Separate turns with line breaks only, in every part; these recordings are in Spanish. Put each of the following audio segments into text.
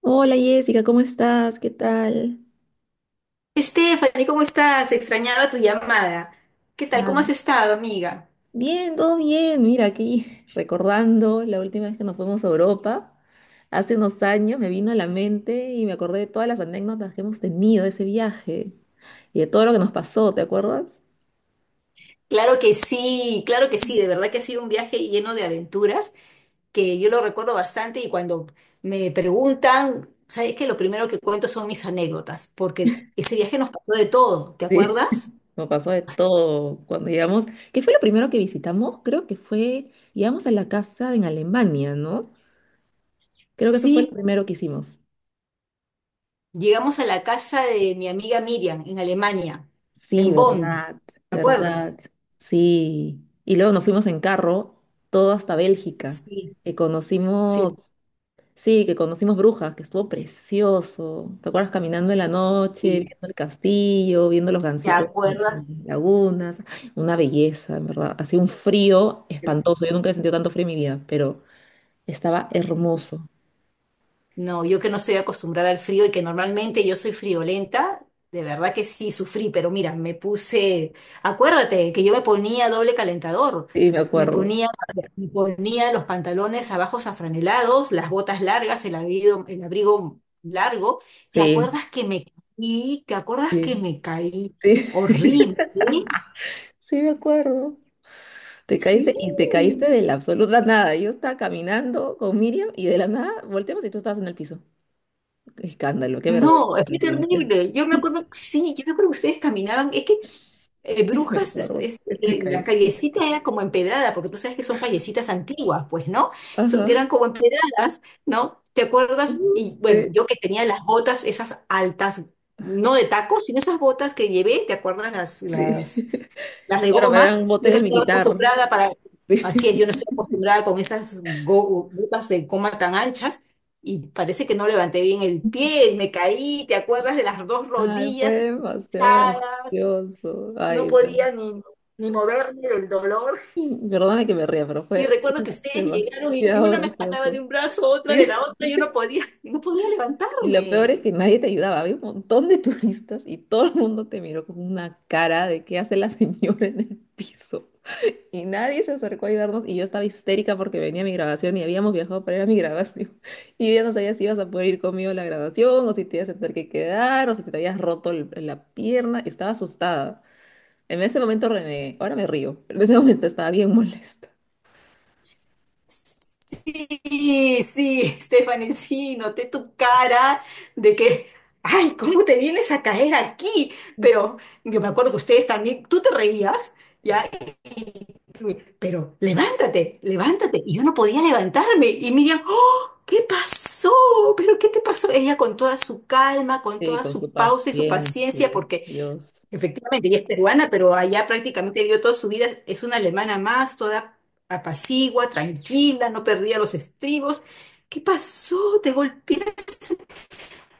Hola Jessica, ¿cómo estás? ¿Qué tal?
Stephanie, ¿cómo estás? Extrañaba tu llamada. ¿Qué tal? ¿Cómo
Ah,
has estado, amiga?
bien, todo bien. Mira, aquí recordando la última vez que nos fuimos a Europa, hace unos años me vino a la mente y me acordé de todas las anécdotas que hemos tenido de ese viaje y de todo lo que nos pasó, ¿te acuerdas?
Claro que sí, claro que sí. De verdad que ha sido un viaje lleno de aventuras que yo lo recuerdo bastante y cuando me preguntan, sabes que lo primero que cuento son mis anécdotas, porque ese viaje nos pasó de todo, ¿te
Sí.
acuerdas?
Nos pasó de todo cuando llegamos. ¿Qué fue lo primero que visitamos? Creo que fue, llegamos a la casa en Alemania, ¿no? Creo que eso fue lo
Sí,
primero que hicimos.
llegamos a la casa de mi amiga Miriam en Alemania,
Sí,
en Bonn.
verdad,
¿Te acuerdas?
verdad, sí. Y luego nos fuimos en carro, todo hasta Bélgica,
Sí,
que conocimos,
sí,
sí, que conocimos Brujas, que estuvo precioso. ¿Te acuerdas caminando en la noche,
sí.
viendo el castillo, viendo los
¿Te
gansitos en,
acuerdas?
en lagunas? Una belleza, en verdad. Hacía un frío espantoso. Yo nunca he sentido tanto frío en mi vida, pero estaba hermoso.
No, yo que no estoy acostumbrada al frío y que normalmente yo soy friolenta, de verdad que sí sufrí, pero mira, me puse, acuérdate que yo me ponía doble calentador,
Sí, me
me
acuerdo.
ponía, me ponía los pantalones abajo afranelados, las botas largas, el abrigo largo. ¿Te
Sí,
acuerdas que me caí? ¿Te acuerdas que
sí,
me caí?
sí,
Horrible.
sí, me acuerdo. Te
Sí.
caíste y te caíste de la absoluta nada. Yo estaba caminando con Miriam y de la nada volteamos y tú estabas en el piso. Qué escándalo, qué vergüenza.
No, fue
Realmente.
terrible. Yo me acuerdo, sí, yo me acuerdo que ustedes caminaban, es que
Me
Brujas,
acuerdo que te
las
caíste.
callecitas eran como empedradas, porque tú sabes que son callecitas antiguas, pues, ¿no?
Ajá.
Eran como empedradas, ¿no? ¿Te acuerdas?
Ujú,
Y bueno,
sí,
yo que tenía las botas esas altas, no de tacos, sino esas botas que llevé, ¿te acuerdas? Las,
sí.
las, las de
Claro, pero era un
goma.
bote
Yo no
de
estaba
militar.
acostumbrada para, así es,
Sí.
yo no estoy acostumbrada con esas botas de goma tan anchas. Y parece que no levanté bien el pie, me caí, ¿te acuerdas de las dos
Ay, fue
rodillas
demasiado
hinchadas?
gracioso.
No
Ay,
podía ni moverme del dolor.
perdóname que me ría, pero
Y
fue
recuerdo que ustedes llegaron y
demasiado
una me jalaba
gracioso.
de un brazo, otra de la
Sí.
otra, y yo no podía
Y lo peor
levantarme.
es que nadie te ayudaba. Había un montón de turistas y todo el mundo te miró con una cara de qué hace la señora en el piso. Y nadie se acercó a ayudarnos y yo estaba histérica porque venía mi grabación y habíamos viajado para ir a mi grabación. Y yo ya no sabía si ibas a poder ir conmigo a la grabación o si te ibas a tener que quedar o si te habías roto la pierna. Estaba asustada. En ese momento renegué. Ahora me río, pero en ese momento estaba bien molesta.
Sí, sí, Stephanie, sí, noté tu cara de que, ay, ¿cómo te vienes a caer aquí? Pero yo me acuerdo que ustedes también, tú te reías, ¿ya? Y- Pero levántate, levántate. Y yo no podía levantarme. Y Miriam, ¿qué pasó? ¿Pero qué te pasó? Ella con toda su calma, con
Sí,
toda
con su
su pausa y su paciencia,
paciencia.
porque
Dios,
efectivamente ella es peruana, pero allá prácticamente vivió toda su vida, es una alemana más, toda apacigua, tranquila, no perdía los estribos. ¿Qué pasó? ¿Te golpeaste?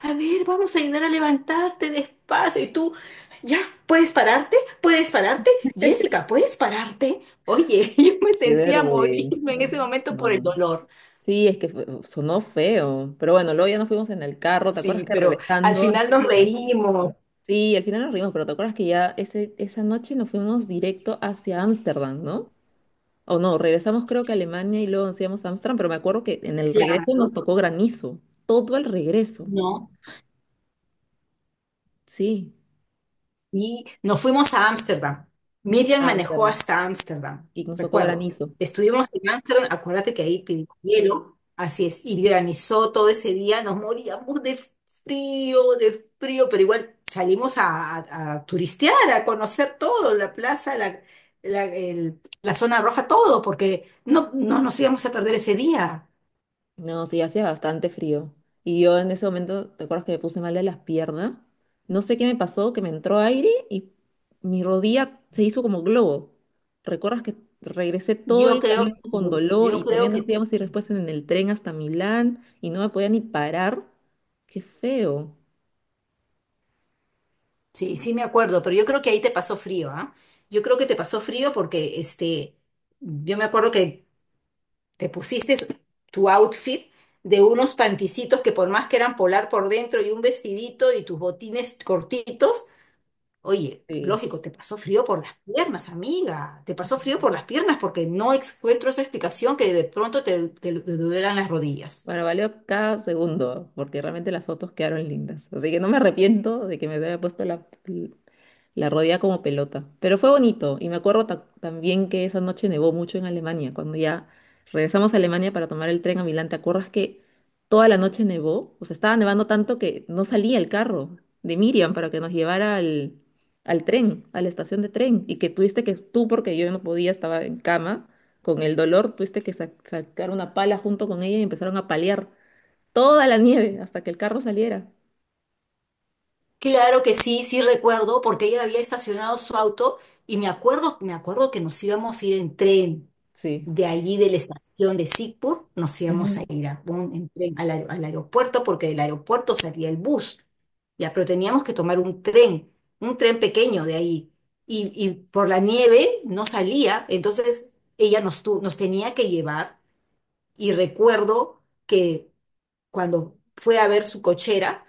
A ver, vamos a ayudar a levantarte despacio. Y tú, ya, ¿puedes pararte? ¿Puedes pararte? Jessica, ¿puedes pararte? Oye, yo me
qué
sentía a
vergüenza.
morirme en ese momento por el
No.
dolor.
Sí, es que sonó feo, pero bueno, luego ya nos fuimos en el carro, ¿te acuerdas
Sí,
que
pero al
regresando
final nos
hasta?
reímos.
Sí, al final nos reímos, pero ¿te acuerdas que ya ese, esa noche nos fuimos directo hacia Ámsterdam, ¿no? O no, regresamos creo que a Alemania y luego nos íbamos a Ámsterdam, pero me acuerdo que en el regreso
Claro,
nos tocó granizo, todo el regreso,
no.
sí,
Y nos fuimos a Ámsterdam. Miriam
a
manejó
Ámsterdam,
hasta Ámsterdam,
y nos tocó
recuerdo.
granizo.
Estuvimos en Ámsterdam, acuérdate que ahí pidió hielo, así es, y granizó todo ese día, nos moríamos de frío, pero igual salimos a turistear, a conocer todo, la plaza, la zona roja, todo, porque no, no nos íbamos a perder ese día.
No, sí, hacía bastante frío. Y yo en ese momento, ¿te acuerdas que me puse mal de las piernas? No sé qué me pasó, que me entró aire y mi rodilla se hizo como globo. ¿Recuerdas que regresé todo
Yo
el
creo,
camino con
que-
dolor
yo
y
creo
también nos
que
íbamos a ir después en el tren hasta Milán y no me podía ni parar? ¡Qué feo!
sí, sí me acuerdo, pero yo creo que ahí te pasó frío, ¿ah? Yo creo que te pasó frío porque, yo me acuerdo que te pusiste tu outfit de unos panticitos que por más que eran polar por dentro y un vestidito y tus botines cortitos, oye,
Sí.
lógico, te pasó frío por las piernas, amiga, te pasó frío por las piernas porque no encuentro otra explicación que de pronto te duelan las rodillas.
Bueno, valió cada segundo, porque realmente las fotos quedaron lindas. Así que no me arrepiento de que me haya puesto la, la rodea como pelota. Pero fue bonito. Y me acuerdo también que esa noche nevó mucho en Alemania. Cuando ya regresamos a Alemania para tomar el tren a Milán, ¿te acuerdas que toda la noche nevó? O sea, estaba nevando tanto que no salía el carro de Miriam para que nos llevara al, al tren, a la estación de tren. Y que tuviste que, tú, porque yo no podía, estaba en cama con el dolor, tuviste que sacar una pala junto con ella y empezaron a paliar toda la nieve hasta que el carro saliera.
Claro que sí, sí recuerdo, porque ella había estacionado su auto y me acuerdo que nos íbamos a ir en tren
Sí.
de allí de la estación de Sigpur, nos íbamos a
Ujú.
ir en tren al aeropuerto, porque del aeropuerto salía el bus, ya, pero teníamos que tomar un tren pequeño de ahí, y por la nieve no salía, entonces ella nos tenía que llevar, y recuerdo que cuando fue a ver su cochera,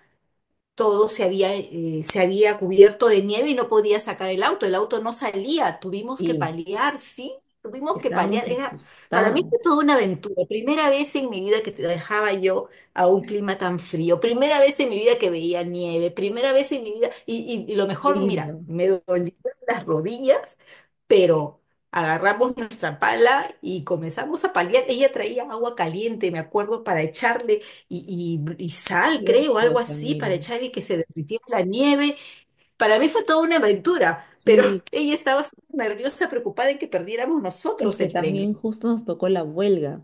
todo se había cubierto de nieve y no podía sacar el auto no salía, tuvimos que
Y
paliar, ¿sí? Tuvimos que paliar,
estábamos
era, para mí
asustadas.
fue toda una aventura, primera vez en mi vida que te dejaba yo a un clima tan frío, primera vez en mi vida que veía nieve, primera vez en mi vida, y lo mejor,
Lindo.
mira, me dolían las rodillas, pero agarramos nuestra pala y comenzamos a paliar. Ella traía agua caliente, me acuerdo, para echarle y sal, creo, algo
Graciosa,
así, para
Miriam.
echar y que se derritiera la nieve. Para mí fue toda una aventura, pero
Sí,
ella estaba súper nerviosa, preocupada en que perdiéramos
es
nosotros
que
el tren.
también justo nos tocó la huelga.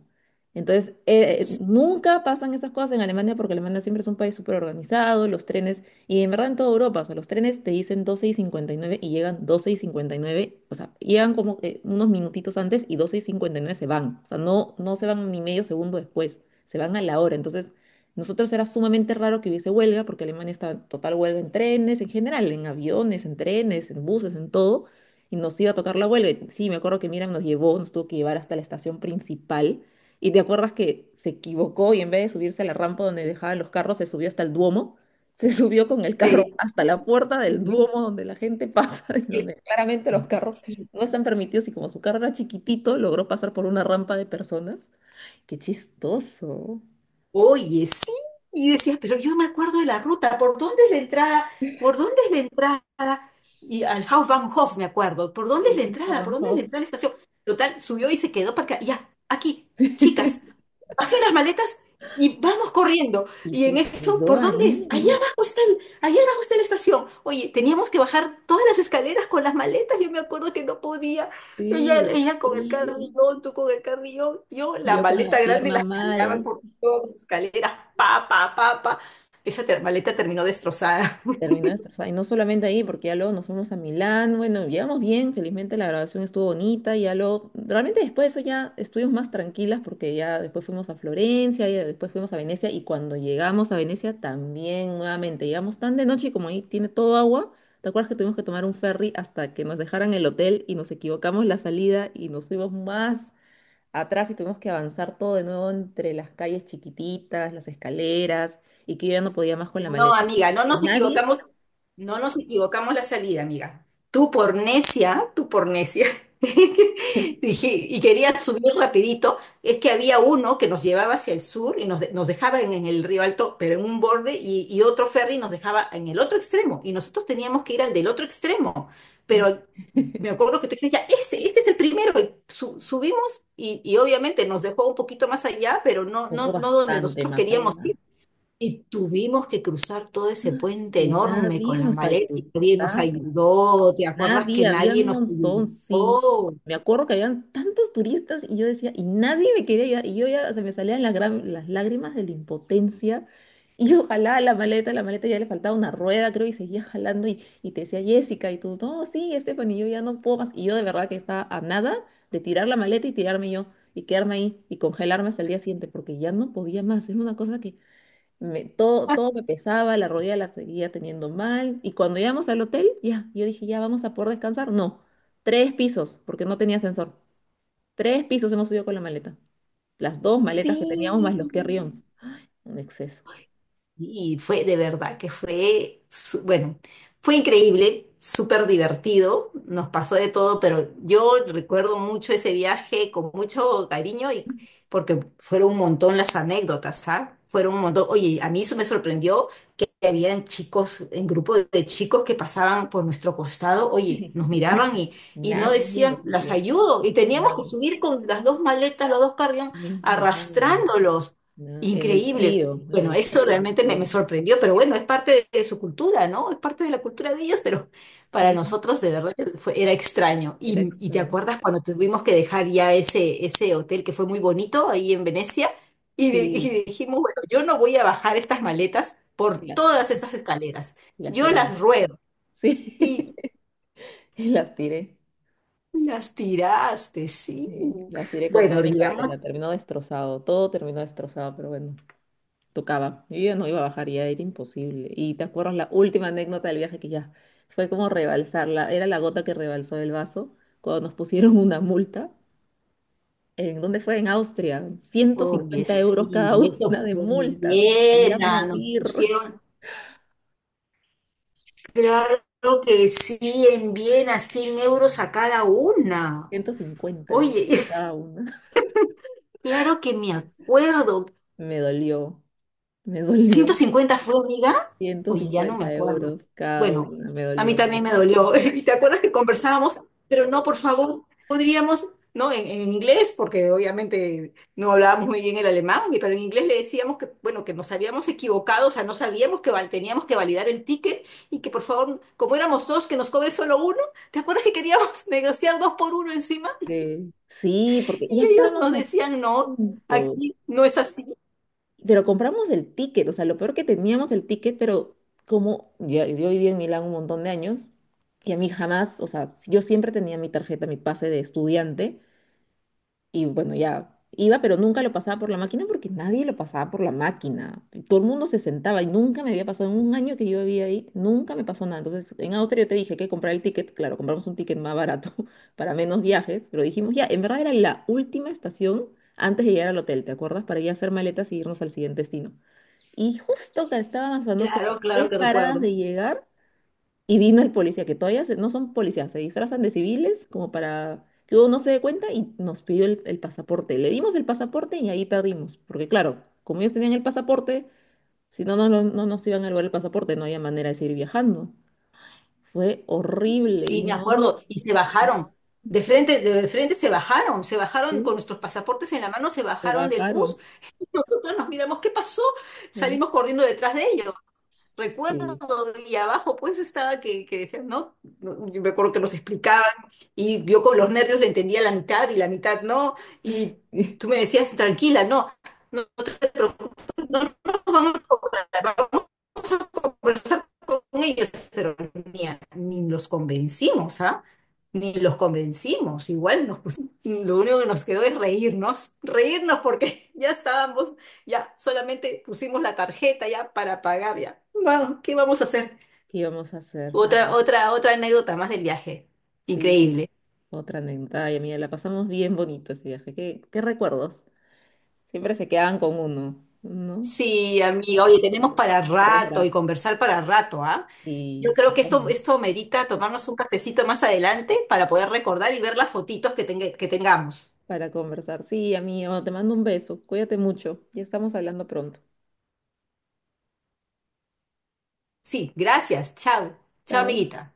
Entonces, nunca pasan esas cosas en Alemania porque Alemania siempre es un país súper organizado, los trenes, y en verdad en toda Europa, o sea, los trenes te dicen 12:59 y llegan 12:59, o sea, llegan como que unos minutitos antes y 12:59 se van, o sea, no se van ni medio segundo después, se van a la hora. Entonces, nosotros era sumamente raro que hubiese huelga porque Alemania está en total huelga en trenes, en general, en aviones, en trenes, en buses, en todo y nos iba a tocar la huelga. Y sí, me acuerdo que Miriam nos llevó, nos tuvo que llevar hasta la estación principal. Y te acuerdas que se equivocó y en vez de subirse a la rampa donde dejaban los carros, se subió hasta el Duomo. Se subió con el carro
Se-
hasta la puerta del Duomo donde la gente pasa y donde claramente los carros
Sí,
no están permitidos. Y como su carro era chiquitito, logró pasar por una rampa de personas. ¡Qué chistoso!
oye, sí, y decía, pero yo me acuerdo de la ruta, ¿por dónde es la entrada? ¿Por dónde es la entrada? Y al Hauptbahnhof me acuerdo, ¿por dónde es
Sí,
la
a
entrada? ¿Por
Van
dónde es la
Gogh.
entrada a la estación? Total, subió y se quedó para acá, ya, aquí, chicas, bajé las maletas y vamos corriendo.
Y
Y en
se
eso,
quedó
¿por dónde es? Allá
ahí,
abajo está, allá abajo está la estación. Oye, teníamos que bajar todas las escaleras con las maletas, yo me acuerdo que no podía. Ella,
sí, del
ella con el
frío.
carrillón, tú con el carrillón, yo la
Yo con
maleta
la
grande
pierna
la jalaba
mal.
todas escaleras, pa, pa, pa, pa. Esa maleta terminó destrozada.
Terminó destrozada. Y no solamente ahí, porque ya luego nos fuimos a Milán. Bueno, llegamos bien, felizmente la grabación estuvo bonita. Y ya luego, realmente después de eso ya estuvimos más tranquilas porque ya después fuimos a Florencia, y después fuimos a Venecia. Y cuando llegamos a Venecia también nuevamente, llegamos tan de noche y como ahí tiene todo agua, ¿te acuerdas que tuvimos que tomar un ferry hasta que nos dejaran el hotel y nos equivocamos la salida y nos fuimos más atrás y tuvimos que avanzar todo de nuevo entre las calles chiquititas, las escaleras y que yo ya no podía más con la
No,
maleta?
amiga, no nos
Nadie.
equivocamos. No nos equivocamos la salida, amiga. Tú por necia, tú por necia. Dije, y quería subir rapidito. Es que había uno que nos llevaba hacia el sur y nos dejaba en el río Alto, pero en un borde, y otro ferry nos dejaba en el otro extremo. Y nosotros teníamos que ir al del otro extremo.
Así-
Pero me acuerdo que tú dijiste, ya, este es el primero. Y subimos y obviamente nos dejó un poquito más allá, pero no,
Ojo,
no, no donde
bastante
nosotros
más
queríamos
allá.
ir. Y tuvimos que cruzar todo ese puente
Y
enorme
nadie
con las
nos
maletas y nadie nos
ayudaba.
ayudó. ¿Te acuerdas
Nadie,
que
había
nadie
un
nos
montón, sí.
ayudó?
Me acuerdo que habían tantos turistas y yo decía, y nadie me quería ayudar. Y yo ya, se me salían las, las lágrimas de la impotencia. Y yo jalaba la maleta ya le faltaba una rueda, creo, y seguía jalando. Y te decía Jessica, y tú, no, sí, Estefanía, yo ya no puedo más. Y yo de verdad que estaba a nada de tirar la maleta y tirarme yo, y quedarme ahí, y congelarme hasta el día siguiente, porque ya no podía más. Es una cosa que todo, todo me pesaba, la rodilla la seguía teniendo mal. Y cuando llegamos al hotel, ya, yo dije, ya vamos a poder descansar. No, tres pisos, porque no tenía ascensor. Tres pisos hemos subido con la maleta. Las dos maletas que teníamos más los
Sí.
carry-ons. Un exceso.
Y fue de verdad que fue, bueno, fue increíble, súper divertido, nos pasó de todo, pero yo recuerdo mucho ese viaje con mucho cariño y porque fueron un montón las anécdotas, ¿ah? Fueron un montón. Oye, a mí eso me sorprendió que habían chicos, en grupo de chicos que pasaban por nuestro costado, oye, nos
Y
miraban y no
nadie
decían,
nos
las
dijo.
ayudo. Y teníamos que
Nadie,
subir con las dos maletas, los dos carrión,
nadie,
arrastrándolos.
en el
Increíble.
frío, en
Bueno,
el
eso
total
realmente me,
frío.
me sorprendió, pero bueno, es parte de su cultura, ¿no? Es parte de la cultura de ellos, pero para
Sí,
nosotros de verdad que fue, era extraño.
era
Y te
extraño.
acuerdas cuando tuvimos que dejar ya ese hotel que fue muy bonito ahí en Venecia y, di-
Sí,
y dijimos, bueno, yo no voy a bajar estas maletas por
y
todas esas escaleras.
y las
Yo
tiramos.
las ruedo.
Sí,
Y
y las tiré.
las tiraste, sí.
Sí, las tiré con toda
Bueno,
mi
digamos,
cartera, terminó destrozado, todo terminó destrozado, pero bueno, tocaba. Yo ya no iba a bajar, ya era imposible. Y te acuerdas la última anécdota del viaje que ya fue como rebalsarla, era la gota que rebalsó el vaso cuando nos pusieron una multa. ¿En dónde fue? En Austria, ciento
oye,
cincuenta
sí,
euros cada
eso
una de
fue en
multa. Me quería
Viena. Nos
morir.
pusieron, claro que sí, en Viena, 100 euros a cada una.
150 euros a
Oye,
cada una.
claro que me acuerdo,
Me dolió, me dolió.
¿150 fue, amiga?
ciento
Oye, ya no me
cincuenta
acuerdo.
euros cada
Bueno,
una, me
a mí
dolió.
también me dolió. ¿Y te acuerdas que conversábamos? Pero no, por favor, podríamos, ¿no? En inglés, porque obviamente no hablábamos muy bien el alemán, pero en inglés le decíamos que, bueno, que nos habíamos equivocado, o sea, no sabíamos que teníamos que validar el ticket y que, por favor, como éramos dos, que nos cobre solo uno. ¿Te acuerdas que queríamos negociar dos por uno encima?
Sí, sí, porque ya
Y ellos
estábamos
nos
a
decían, no,
punto,
aquí no es así.
pero compramos el ticket, o sea, lo peor que teníamos el ticket, pero como ya, yo viví en Milán un montón de años y a mí jamás, o sea, yo siempre tenía mi tarjeta, mi pase de estudiante y bueno, ya iba, pero nunca lo pasaba por la máquina porque nadie lo pasaba por la máquina. Todo el mundo se sentaba y nunca me había pasado en un año que yo vivía ahí, nunca me pasó nada. Entonces, en Austria yo te dije que comprar el ticket, claro, compramos un ticket más barato para menos viajes, pero dijimos ya, en verdad era la última estación antes de llegar al hotel, ¿te acuerdas? Para ir a hacer maletas y irnos al siguiente destino. Y justo que estábamos a, no sé, a
Claro, claro
tres
que
paradas
recuerdo.
de llegar, y vino el policía, que todavía no son policías, se disfrazan de civiles como para que uno no se dé cuenta y nos pidió el pasaporte. Le dimos el pasaporte y ahí perdimos, porque claro, como ellos tenían el pasaporte, si no nos iban a llevar el pasaporte, no había manera de seguir viajando. Fue horrible y
Sí, me
no,
acuerdo, y se bajaron.
sí,
De frente se bajaron con
sí,
nuestros pasaportes en la mano, se
se
bajaron del bus
bajaron.
y nosotros nos miramos, ¿qué pasó?
Ah,
Salimos corriendo detrás de ellos. Recuerdo,
sí.
y abajo pues estaba que decían, no, no, yo me acuerdo que nos explicaban y yo con los nervios le entendía la mitad y la mitad no, y tú me decías, tranquila, no, no te preocupes, no, no, claro, vamos a conversar con ellos, pero ni, ni los convencimos, ¿ah? Ni los convencimos, igual nos pusimos, lo único que nos quedó es reírnos, reírnos porque ya estábamos, ya solamente pusimos la tarjeta ya para pagar ya. Vamos, ¿qué vamos a hacer?
¿Qué íbamos a hacer? Ah,
Otra anécdota más del viaje.
sí,
Increíble.
otra anécdota. Ay, amiga, la pasamos bien bonito ese viaje. ¿Qué, qué recuerdos? Siempre se quedan con uno, ¿no?
Sí, amiga, oye, tenemos para
Por dos
rato y
gratis
conversar para rato, ¿ah? Yo
y
creo
sí,
que esto,
vámonos,
esto merita tomarnos un cafecito más adelante para poder recordar y ver las fotitos que tengamos.
para conversar. Sí, amigo, te mando un beso. Cuídate mucho. Ya estamos hablando pronto.
Sí, gracias. Chao. Chao,
Chao.
amiguita.